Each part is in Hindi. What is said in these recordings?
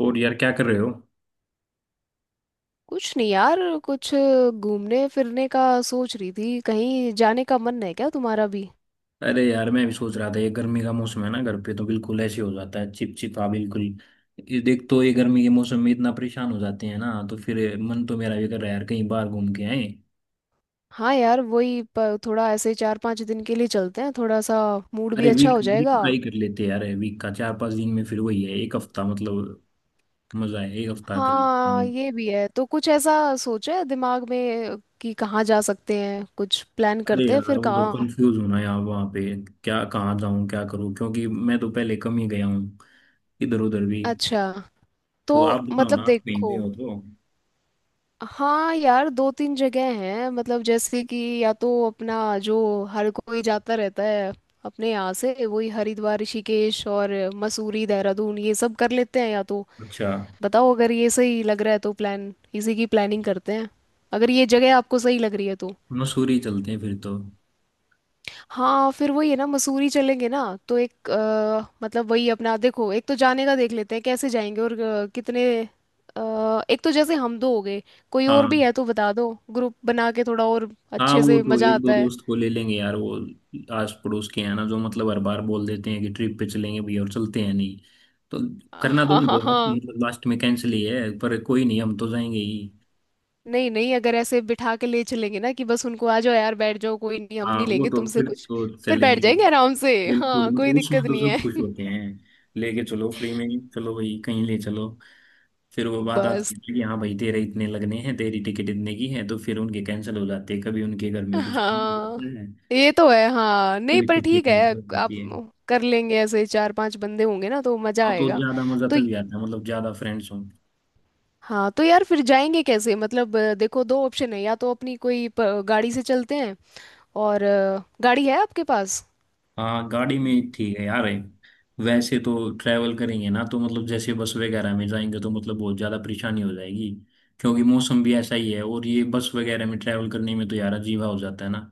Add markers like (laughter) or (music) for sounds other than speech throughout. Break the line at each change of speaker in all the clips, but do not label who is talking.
और यार, क्या कर रहे हो?
कुछ नहीं यार। कुछ घूमने फिरने का सोच रही थी, कहीं जाने का मन है क्या तुम्हारा भी?
अरे यार, मैं भी सोच रहा था, ये गर्मी का मौसम है ना, घर पे तो बिल्कुल ऐसे हो जाता है, चिपचिपा बिल्कुल। ये देख तो, ये गर्मी के मौसम में इतना परेशान हो जाते हैं ना, तो फिर मन तो मेरा भी कर रहा है यार, कहीं बाहर घूम के आए।
हाँ यार, वही थोड़ा ऐसे चार पांच दिन के लिए चलते हैं, थोड़ा सा मूड भी
अरे
अच्छा
वीक
हो
वीक
जाएगा।
का ही कर लेते हैं यार, वीक का 4-5 दिन में फिर वही है, एक हफ्ता मतलब। मजा है, एक हफ्ता कर लेते
हाँ
हैं।
ये भी है, तो कुछ ऐसा सोचा है दिमाग में कि कहाँ जा सकते हैं? कुछ प्लान
अरे
करते हैं
यार,
फिर,
वो तो
कहाँ?
कंफ्यूज होना यार वहां पे, क्या कहाँ जाऊं क्या करूं, क्योंकि मैं तो पहले कम ही गया हूँ, इधर उधर भी।
अच्छा, तो
तो आप बताओ ना,
मतलब
आप कहीं गए
देखो,
हो तो?
हाँ यार, दो तीन जगह हैं मतलब, जैसे कि या तो अपना जो हर कोई जाता रहता है अपने यहाँ से, वही हरिद्वार, ऋषिकेश और मसूरी, देहरादून, ये सब कर लेते हैं या तो।
अच्छा,
बताओ, अगर ये सही लग रहा है तो प्लान, इसी की प्लानिंग करते हैं। अगर ये जगह आपको सही लग रही है तो।
मसूरी चलते हैं फिर तो।
हाँ, फिर वही है ना, मसूरी चलेंगे ना। तो एक मतलब वही अपना देखो, एक तो जाने का देख लेते हैं कैसे जाएंगे, और कितने एक तो जैसे हम दो हो गए, कोई
हाँ
और भी है तो बता दो। ग्रुप बना के थोड़ा और
हाँ,
अच्छे
वो
से
तो
मजा
एक दो
आता है।
दोस्त को ले लेंगे यार, वो आस पड़ोस के हैं ना, जो मतलब हर बार बोल देते हैं कि ट्रिप पे चलेंगे भैया और चलते हैं नहीं। तो करना तो
हाँ
उनको
हाँ
है,
हाँ।
मतलब लास्ट में कैंसिल ही है, पर कोई नहीं, हम तो जाएंगे ही।
नहीं नहीं, अगर ऐसे बिठा के ले चलेंगे ना कि बस उनको आ जाओ यार, बैठ जाओ, कोई नहीं, हम
हाँ,
नहीं
वो
लेंगे
तो
तुमसे
फिर
कुछ।
तो
फिर बैठ
चलेंगे।
जाएंगे आराम से।
बिल्कुल,
हाँ, कोई
मतलब
दिक्कत
उसमें तो
नहीं
सब खुश
है।
होते हैं। लेके चलो फ्री में। चलो भाई, कहीं ले चलो। फिर वो
(laughs)
बात आती
बस।
है कि हाँ भाई, तेरे इतने लगने हैं, तेरी टिकट इतने की है, तो फिर उनके कैंसिल हो जाते हैं, कभी उनके घर में कुछ काम हो
हाँ,
जाता है,
ये तो है। हाँ नहीं,
भी
पर
छुट्टी
ठीक है।
कैंसिल
आप
होती है।
कर लेंगे, ऐसे चार पांच बंदे होंगे ना तो मजा
हाँ, तो
आएगा।
ज्यादा मजा
तो
तभी आता है, मतलब ज्यादा फ्रेंड्स हों।
हाँ, तो यार फिर जाएंगे कैसे मतलब, देखो दो ऑप्शन है या तो अपनी कोई गाड़ी से चलते हैं, और गाड़ी है आपके पास?
हाँ गाड़ी में ठीक है यार। वैसे तो ट्रैवल करेंगे ना तो, मतलब जैसे बस वगैरह में जाएंगे तो मतलब बहुत ज्यादा परेशानी हो जाएगी। क्योंकि मौसम भी ऐसा ही है, और ये बस वगैरह में ट्रैवल करने में तो यार अजीबा हो जाता है ना,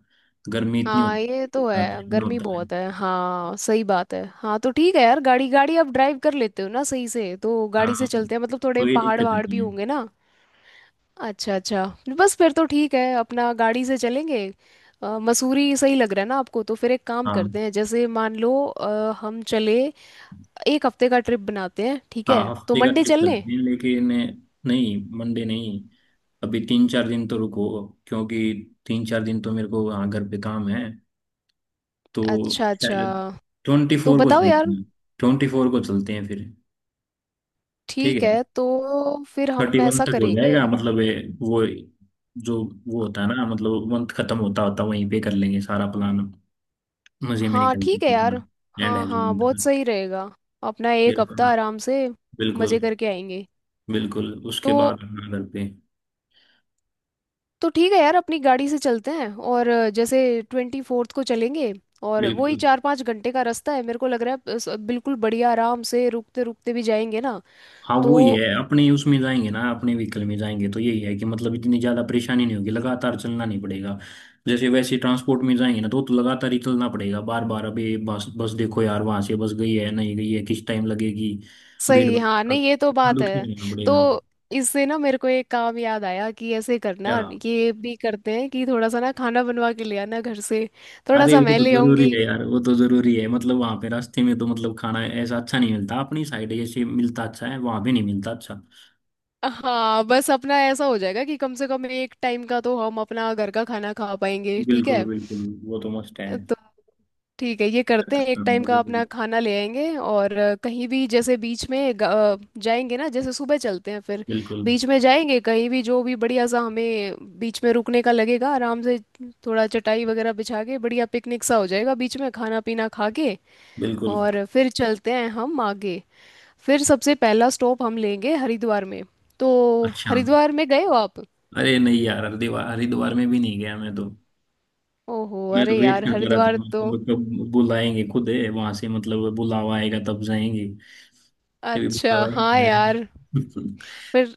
गर्मी इतनी
हाँ
होती
ये तो है,
है, इतना
गर्मी
होता है।
बहुत है। हाँ सही बात है। हाँ, तो ठीक है यार, गाड़ी गाड़ी आप ड्राइव कर लेते हो ना सही से, तो गाड़ी से
हाँ,
चलते हैं। मतलब थोड़े
तो ये
पहाड़
दिक्कत
वहाड़
नहीं
भी
है।
होंगे ना। अच्छा अच्छा। बस फिर तो ठीक है, अपना गाड़ी से चलेंगे। मसूरी सही लग रहा है ना आपको, तो फिर एक काम
हाँ
करते हैं, जैसे मान लो हम चले, एक हफ्ते का ट्रिप बनाते हैं, ठीक
हाँ,
है? तो
हफ्ते का
मंडे
ट्रिप
चल लें?
करते हैं, लेकिन नहीं, मंडे नहीं। अभी 3-4 दिन तो रुको, क्योंकि 3-4 दिन तो मेरे को वहाँ घर पे काम है तो।
अच्छा अच्छा।
शायद ट्वेंटी
तो
फोर को
बताओ यार।
चलते हैं। 24 को चलते हैं फिर। ठीक
ठीक
है,
है, तो फिर
थर्टी
हम
वन
ऐसा
तक हो
करेंगे।
जाएगा, मतलब ये वो जो वो होता है ना, मतलब मंथ खत्म होता होता वहीं पे कर लेंगे सारा प्लान। मजे में
हाँ
निकल
ठीक है यार।
जाएंगे एंड
हाँ हाँ,
हैप्पी।
बहुत सही रहेगा। अपना एक
बिल्कुल।
हफ्ता आराम से
बिल्कुल।
मजे करके आएंगे।
बिल्कुल उसके
तो
बाद अपना घर पे।
तो ठीक है यार, अपनी गाड़ी से चलते हैं और जैसे 24थ को चलेंगे। और वही
बिल्कुल।
चार पाँच घंटे का रास्ता है मेरे को लग रहा है, बिल्कुल बढ़िया आराम से रुकते रुकते भी जाएंगे ना।
हाँ वो
तो
ही है, अपने उसमें जाएंगे ना, अपने व्हीकल में जाएंगे तो यही है कि मतलब इतनी ज्यादा परेशानी नहीं होगी, लगातार चलना नहीं पड़ेगा। जैसे वैसे ट्रांसपोर्ट में जाएंगे ना तो लगातार ही चलना पड़ेगा, बार बार अभी बस बस देखो यार, वहां से बस गई है नहीं गई है, किस टाइम लगेगी, भीड़
सही, हाँ
भड़का
नहीं, ये तो
इतना
बात
तो
है।
ठीक रहना
तो
पड़ेगा।
इससे ना मेरे को एक काम याद आया कि ऐसे
क्या?
करना, ये भी करते हैं कि थोड़ा सा ना खाना बनवा के ले आना घर से, थोड़ा
अरे
सा
वो
मैं
तो
ले
जरूरी
आऊंगी।
है यार, वो तो जरूरी है, मतलब वहां पे रास्ते में तो मतलब खाना ऐसा अच्छा नहीं मिलता, अपनी साइड जैसे मिलता अच्छा है, वहां पे नहीं मिलता अच्छा।
हाँ, बस अपना ऐसा हो जाएगा कि कम से कम एक टाइम का तो हम अपना घर का खाना खा पाएंगे, ठीक
बिल्कुल
है?
बिल्कुल, वो तो मस्त है।
तो ठीक है, ये करते हैं, एक टाइम का
हम्म,
अपना खाना ले आएंगे, और कहीं भी जैसे बीच में जाएंगे ना, जैसे सुबह चलते हैं फिर
बिल्कुल।
बीच में जाएंगे कहीं भी, जो भी बढ़िया सा हमें बीच में रुकने का लगेगा आराम से, थोड़ा चटाई वगैरह बिछा के बढ़िया पिकनिक सा हो जाएगा, बीच में खाना पीना खा के।
बिल्कुल।
और फिर चलते हैं हम आगे। फिर सबसे पहला स्टॉप हम लेंगे हरिद्वार में। तो
अच्छा।
हरिद्वार में गए हो आप?
अरे नहीं यार, हरिद्वार हरिद्वार में भी नहीं गया मैं तो।
ओहो,
मैं तो
अरे
वेट
यार,
करता रहता
हरिद्वार
हूँ,
तो।
मतलब कब बुलाएंगे, खुद है वहां से मतलब बुलावा आएगा तब जाएंगे। अभी
अच्छा
बुलावा ही
हाँ
नहीं आया
यार।
है।
फिर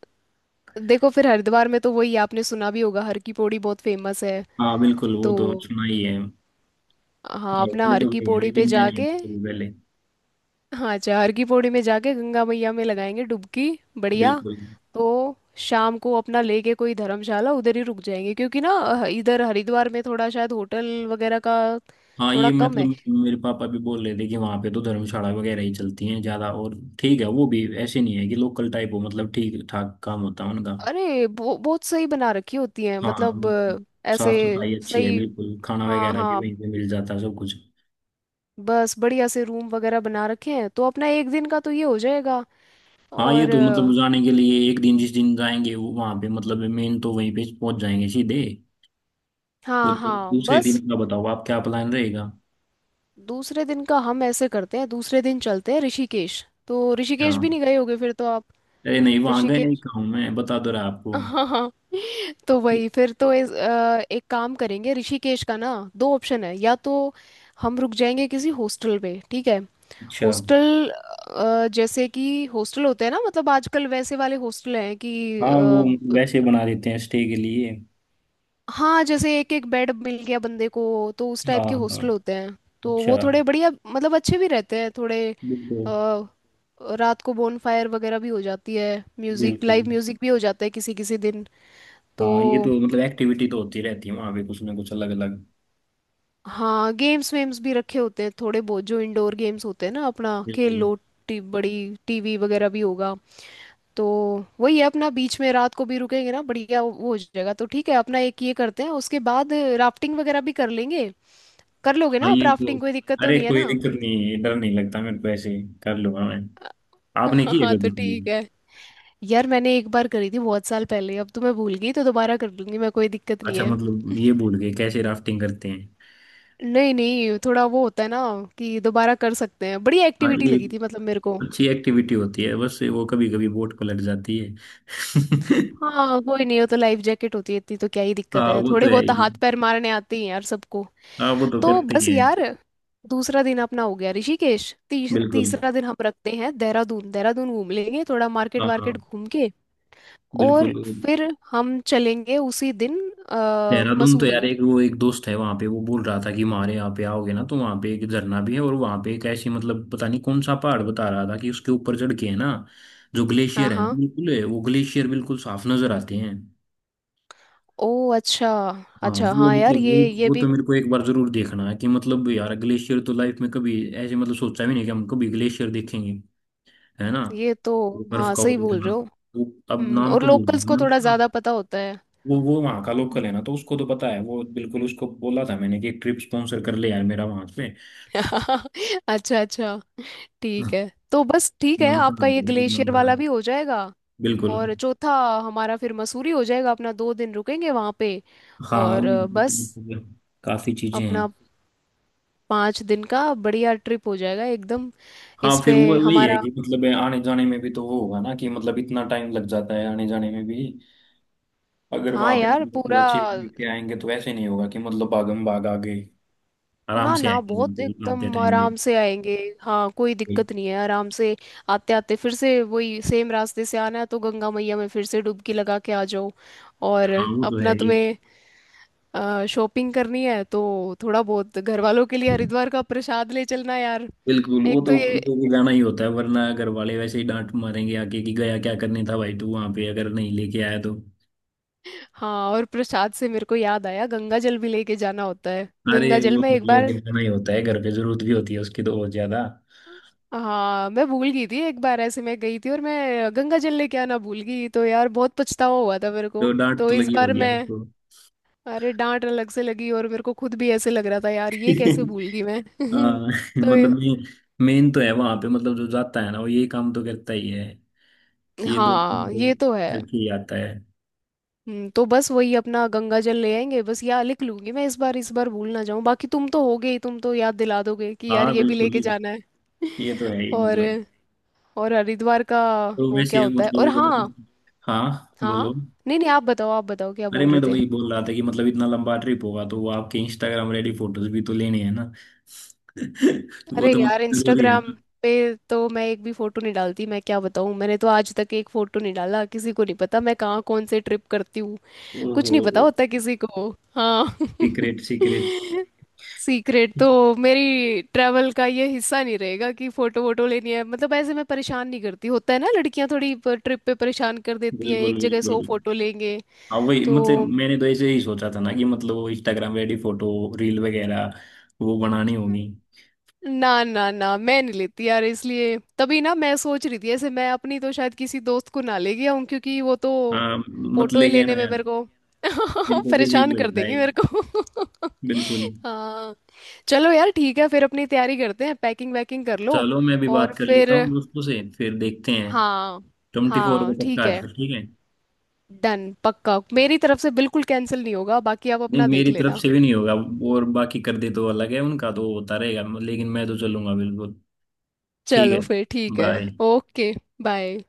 देखो, फिर हरिद्वार में तो वही, आपने सुना भी होगा, हर की पौड़ी बहुत फेमस है।
(laughs) हाँ बिल्कुल, वो
तो
तो सुना ही है।
हाँ, अपना
पहले
हर
तो
की
गई है,
पौड़ी पे
लेकिन मैं नहीं
जाके।
गई पहले।
हाँ, अच्छा, हर की पौड़ी में जाके गंगा मैया में लगाएंगे डुबकी। बढ़िया।
बिल्कुल।
तो शाम को अपना लेके कोई धर्मशाला उधर ही रुक जाएंगे, क्योंकि ना इधर हरिद्वार में थोड़ा शायद होटल वगैरह का
हाँ,
थोड़ा
ये
कम है।
मतलब मेरे पापा भी बोल रहे थे कि वहाँ पे तो धर्मशाला वगैरह ही चलती हैं ज्यादा, और ठीक है, वो भी ऐसे नहीं है कि लोकल टाइप हो, मतलब ठीक ठाक काम होता है उनका।
अरे, बहुत सही बना रखी होती है
हाँ
मतलब
मतलब,
ऐसे।
साफ सफाई अच्छी है
सही।
बिल्कुल, खाना
हाँ
वगैरह भी
हाँ।
वहीं पे मिल जाता है सब कुछ।
बस बढ़िया से रूम वगैरह बना रखे हैं, तो अपना एक दिन का तो ये हो जाएगा।
हाँ ये
और
तो, मतलब जाने के लिए एक दिन, जिस दिन जाएंगे वो वहाँ पे, मतलब मेन तो वहीं पे पहुंच जाएंगे सीधे। वो
हाँ
तो
हाँ,
दूसरे दिन
बस।
का बताओ आप, क्या प्लान रहेगा?
दूसरे दिन का हम ऐसे करते हैं, दूसरे दिन चलते हैं ऋषिकेश। तो ऋषिकेश भी
हाँ,
नहीं गए होगे फिर तो आप।
अरे नहीं, वहाँ गए ही
ऋषिकेश।
कहूँ मैं, बता दो रहा
(laughs)
आपको।
हाँ हाँ। तो
ये-
वही, फिर तो एक काम करेंगे ऋषिकेश का ना, दो ऑप्शन है या तो हम रुक जाएंगे किसी हॉस्टल पे, ठीक है?
अच्छा।
हॉस्टल जैसे कि हॉस्टल होते हैं ना, मतलब आजकल वैसे वाले हॉस्टल हैं कि
हाँ वो वैसे बना देते हैं स्टे के लिए।
हाँ, जैसे एक एक बेड मिल गया बंदे को, तो उस
हाँ
टाइप के
हाँ।
हॉस्टल होते हैं। तो
अच्छा।
वो थोड़े बढ़िया, मतलब अच्छे भी रहते हैं थोड़े।
बिल्कुल।
अ, रात को बोनफायर वगैरह भी हो जाती है, म्यूजिक,
बिल्कुल।
लाइव म्यूजिक भी हो जाता है किसी किसी दिन। तो
हाँ ये तो मतलब एक्टिविटी तो होती रहती है वहाँ पे, कुछ ना कुछ अलग अलग।
हाँ, गेम्स वेम्स भी रखे होते हैं थोड़े बहुत, जो इंडोर गेम्स होते हैं ना, अपना खेल
बिल्कुल।
लो। बड़ी टीवी वगैरह भी होगा। तो वही है अपना, बीच में रात को भी रुकेंगे ना, बढ़िया वो हो जाएगा। तो ठीक है, अपना एक ये करते हैं, उसके बाद राफ्टिंग वगैरह भी कर लेंगे। कर लोगे
हाँ
ना आप
ये तो,
राफ्टिंग? कोई दिक्कत तो
अरे
नहीं है
कोई
ना?
दिक्कत नहीं है, डर नहीं लगता मेरे को ऐसे। कर लूंगा मैं। आपने की
(laughs)
है
हाँ
कभी
तो ठीक
भी?
है यार, मैंने एक बार करी थी, बहुत साल पहले, अब तो मैं भूल गई, तो दोबारा कर लूंगी मैं, कोई दिक्कत नहीं
अच्छा,
है।
मतलब ये भूल गए कैसे राफ्टिंग करते हैं।
नहीं नहीं, थोड़ा वो होता है ना कि दोबारा कर सकते हैं। बड़ी
हाँ
एक्टिविटी
ये
लगी थी मतलब मेरे को।
अच्छी एक्टिविटी होती है, बस वो कभी कभी बोट पलट जाती है। (laughs)
हाँ कोई नहीं, हो तो लाइफ जैकेट होती है, इतनी तो क्या ही दिक्कत
हाँ
है,
वो तो
थोड़े
है
बहुत तो
ही।
हाथ पैर मारने आते ही हैं यार सबको।
हाँ वो तो
तो
करते ही
बस
है।
यार, दूसरा दिन अपना हो गया ऋषिकेश,
बिल्कुल।
तीसरा दिन हम रखते हैं देहरादून, देहरादून घूम लेंगे थोड़ा, मार्केट
हाँ हाँ।
वार्केट घूम के।
बिल्कुल।
और फिर हम चलेंगे उसी दिन
देहरादून तो
मसूरी।
यार, एक वो एक दोस्त है वहां पे, वो बोल रहा था कि हमारे यहाँ पे आओगे ना तो वहां पे एक झरना भी है, और वहां पे एक ऐसी, मतलब पता नहीं कौन सा पहाड़ बता रहा था कि उसके ऊपर चढ़ के है ना, जो
हाँ
ग्लेशियर है ना
हाँ,
बिल्कुल है, वो ग्लेशियर बिल्कुल साफ नजर आते हैं।
ओ, अच्छा
हाँ
अच्छा,
वो
हाँ यार
मतलब वो
ये
वो तो
भी।
मेरे को एक बार जरूर देखना है, कि मतलब यार ग्लेशियर तो लाइफ में कभी ऐसे मतलब सोचा भी नहीं कि हम कभी ग्लेशियर देखेंगे, है ना।
ये तो।
वो बर्फ
हाँ
का वो
सही बोल
देखना।
रहे हो।
वो, अब
हम्म,
नाम
और
तो भूल
लोकल्स
गया
को
मैं
थोड़ा
उसका।
ज़्यादा पता होता है।
वो वहाँ का लोकल
हम्म।
है ना तो उसको तो पता है वो, बिल्कुल उसको बोला था मैंने कि ट्रिप स्पॉन्सर कर ले यार मेरा वहां पे।
(laughs) अच्छा अच्छा। ठीक है, तो बस ठीक है, आपका ये ग्लेशियर वाला भी हो जाएगा।
बिल्कुल।
और चौथा हमारा फिर मसूरी हो जाएगा, अपना दो दिन रुकेंगे वहाँ पे।
हाँ
और बस
काफी चीजें हैं।
अपना पाँच दिन का बढ़िया ट्रिप हो जाएगा एकदम।
हाँ
इस
फिर
पे
वो वही है
हमारा।
कि मतलब आने जाने में भी तो वो होगा ना कि मतलब इतना टाइम लग जाता है आने जाने में भी। अगर
हाँ
वहां पे
यार
मतलब
पूरा।
थोड़ा चिल लेके आएंगे तो ऐसे नहीं होगा कि मतलब भागम भाग आ गए। आराम
ना
से
ना,
आएंगे
बहुत
बिल्कुल, आते
एकदम
टाइम भी।
आराम से आएंगे। हाँ कोई दिक्कत नहीं है, आराम से। आते आते फिर से वही सेम रास्ते से आना है, तो गंगा मैया में फिर से डुबकी लगा के आ जाओ। और
हाँ वो तो
अपना
है ये।
तुम्हें शॉपिंग करनी है तो थोड़ा बहुत घर वालों के लिए हरिद्वार का प्रसाद ले चलना यार।
बिल्कुल, वो
एक तो
तो
ये।
उनको बुलाना ही होता है, वरना घर वाले वैसे ही डांट मारेंगे आके कि गया क्या करने था भाई तू वहां पे, अगर नहीं लेके आया तो।
हाँ, और प्रसाद से मेरे को याद आया, गंगा जल भी लेके जाना होता है,
अरे
गंगा जल
वो
में
तो
एक
लेके
बार।
जाना ही होता है, घर पे जरूरत भी होती है उसकी तो बहुत ज्यादा।
हाँ, मैं भूल गई थी एक बार, ऐसे मैं गई थी और मैं गंगा जल लेके आना भूल गई, तो यार बहुत पछतावा हुआ था मेरे को।
तो डांट
तो
तो
इस
लगी
बार
होगी
मैं,
आपको।
अरे, डांट अलग से लगी और मेरे को खुद भी ऐसे लग रहा था यार, ये कैसे
(laughs)
भूल गई मैं।
हाँ
(laughs) तो
मतलब
ये-
मेन, मेन तो है वहां पे, मतलब जो जाता है ना वो ये काम तो करता ही है। ये दो काम
हाँ
तो
ये तो है।
करके ही आता है।
तो बस वही अपना गंगा जल ले आएंगे। बस यार, लिख लूंगी मैं इस बार, इस बार भूल ना जाऊं। बाकी तुम तो हो गई, तुम तो याद दिला दोगे कि यार
हाँ
ये भी
बिल्कुल।
लेके जाना है।
ये तो
(laughs)
है ही
और
मतलब।
और हरिद्वार का
तो
वो क्या
वैसे
होता है? और हाँ,
मतलब, हाँ
हाँ,
बोलो।
नहीं नहीं, आप बताओ, आप बताओ, क्या
अरे
बोल
मैं
रहे
तो
थे?
वही बोल रहा था कि मतलब इतना लंबा ट्रिप होगा तो वो आपके इंस्टाग्राम रेडी फोटोज भी तो लेने हैं ना। (laughs) वो
अरे
तो
यार,
मतलब जरूरी है
इंस्टाग्राम
ना।
पे तो मैं एक भी फोटो नहीं डालती, मैं क्या बताऊँ, मैंने तो आज तक एक फोटो नहीं डाला, किसी को नहीं पता मैं कहाँ कौन से ट्रिप करती हूँ। कुछ नहीं पता
ओहो।
होता किसी को। हाँ। (laughs)
Secret secret.
सीक्रेट तो मेरी ट्रैवल का ये हिस्सा नहीं रहेगा कि फोटो वोटो लेनी है, मतलब ऐसे मैं परेशान नहीं करती। होता है ना, लड़कियां थोड़ी ट्रिप पे परेशान कर देती हैं,
बिल्कुल।
एक जगह सौ
बिल्कुल।
फोटो लेंगे।
हाँ वही
तो
मतलब मैंने तो ऐसे ही सोचा था ना कि मतलब वो इंस्टाग्राम रेडी फोटो, रील वगैरह, वो बनानी होगी।
ना ना ना, मैं नहीं लेती यार, इसलिए तभी ना मैं सोच रही थी, ऐसे मैं अपनी तो शायद किसी दोस्त को ना ले गया हूँ, क्योंकि वो तो
हाँ, मत
फोटो ही
लेके
लेने
आना
में
यार।
मेरे को
मेरे
(laughs)
को भी
परेशान
अजीब
कर
लगता है।
देंगी मेरे को।
बिल्कुल।
(laughs) हाँ, चलो यार ठीक है, फिर अपनी तैयारी करते हैं, पैकिंग वैकिंग कर लो।
चलो, मैं भी बात
और
कर लेता
फिर
हूँ दोस्तों से फिर देखते हैं।
हाँ,
24 को
हाँ
पक्का
ठीक
है
है,
फिर, ठीक है।
डन, पक्का, मेरी तरफ से बिल्कुल कैंसिल नहीं होगा, बाकी आप
नहीं,
अपना देख
मेरी तरफ
लेना।
से भी नहीं होगा। और बाकी कर दे तो अलग है, उनका तो होता रहेगा, लेकिन मैं तो चलूंगा बिल्कुल। ठीक है।
चलो फिर ठीक है।
बाय।
ओके। बाय।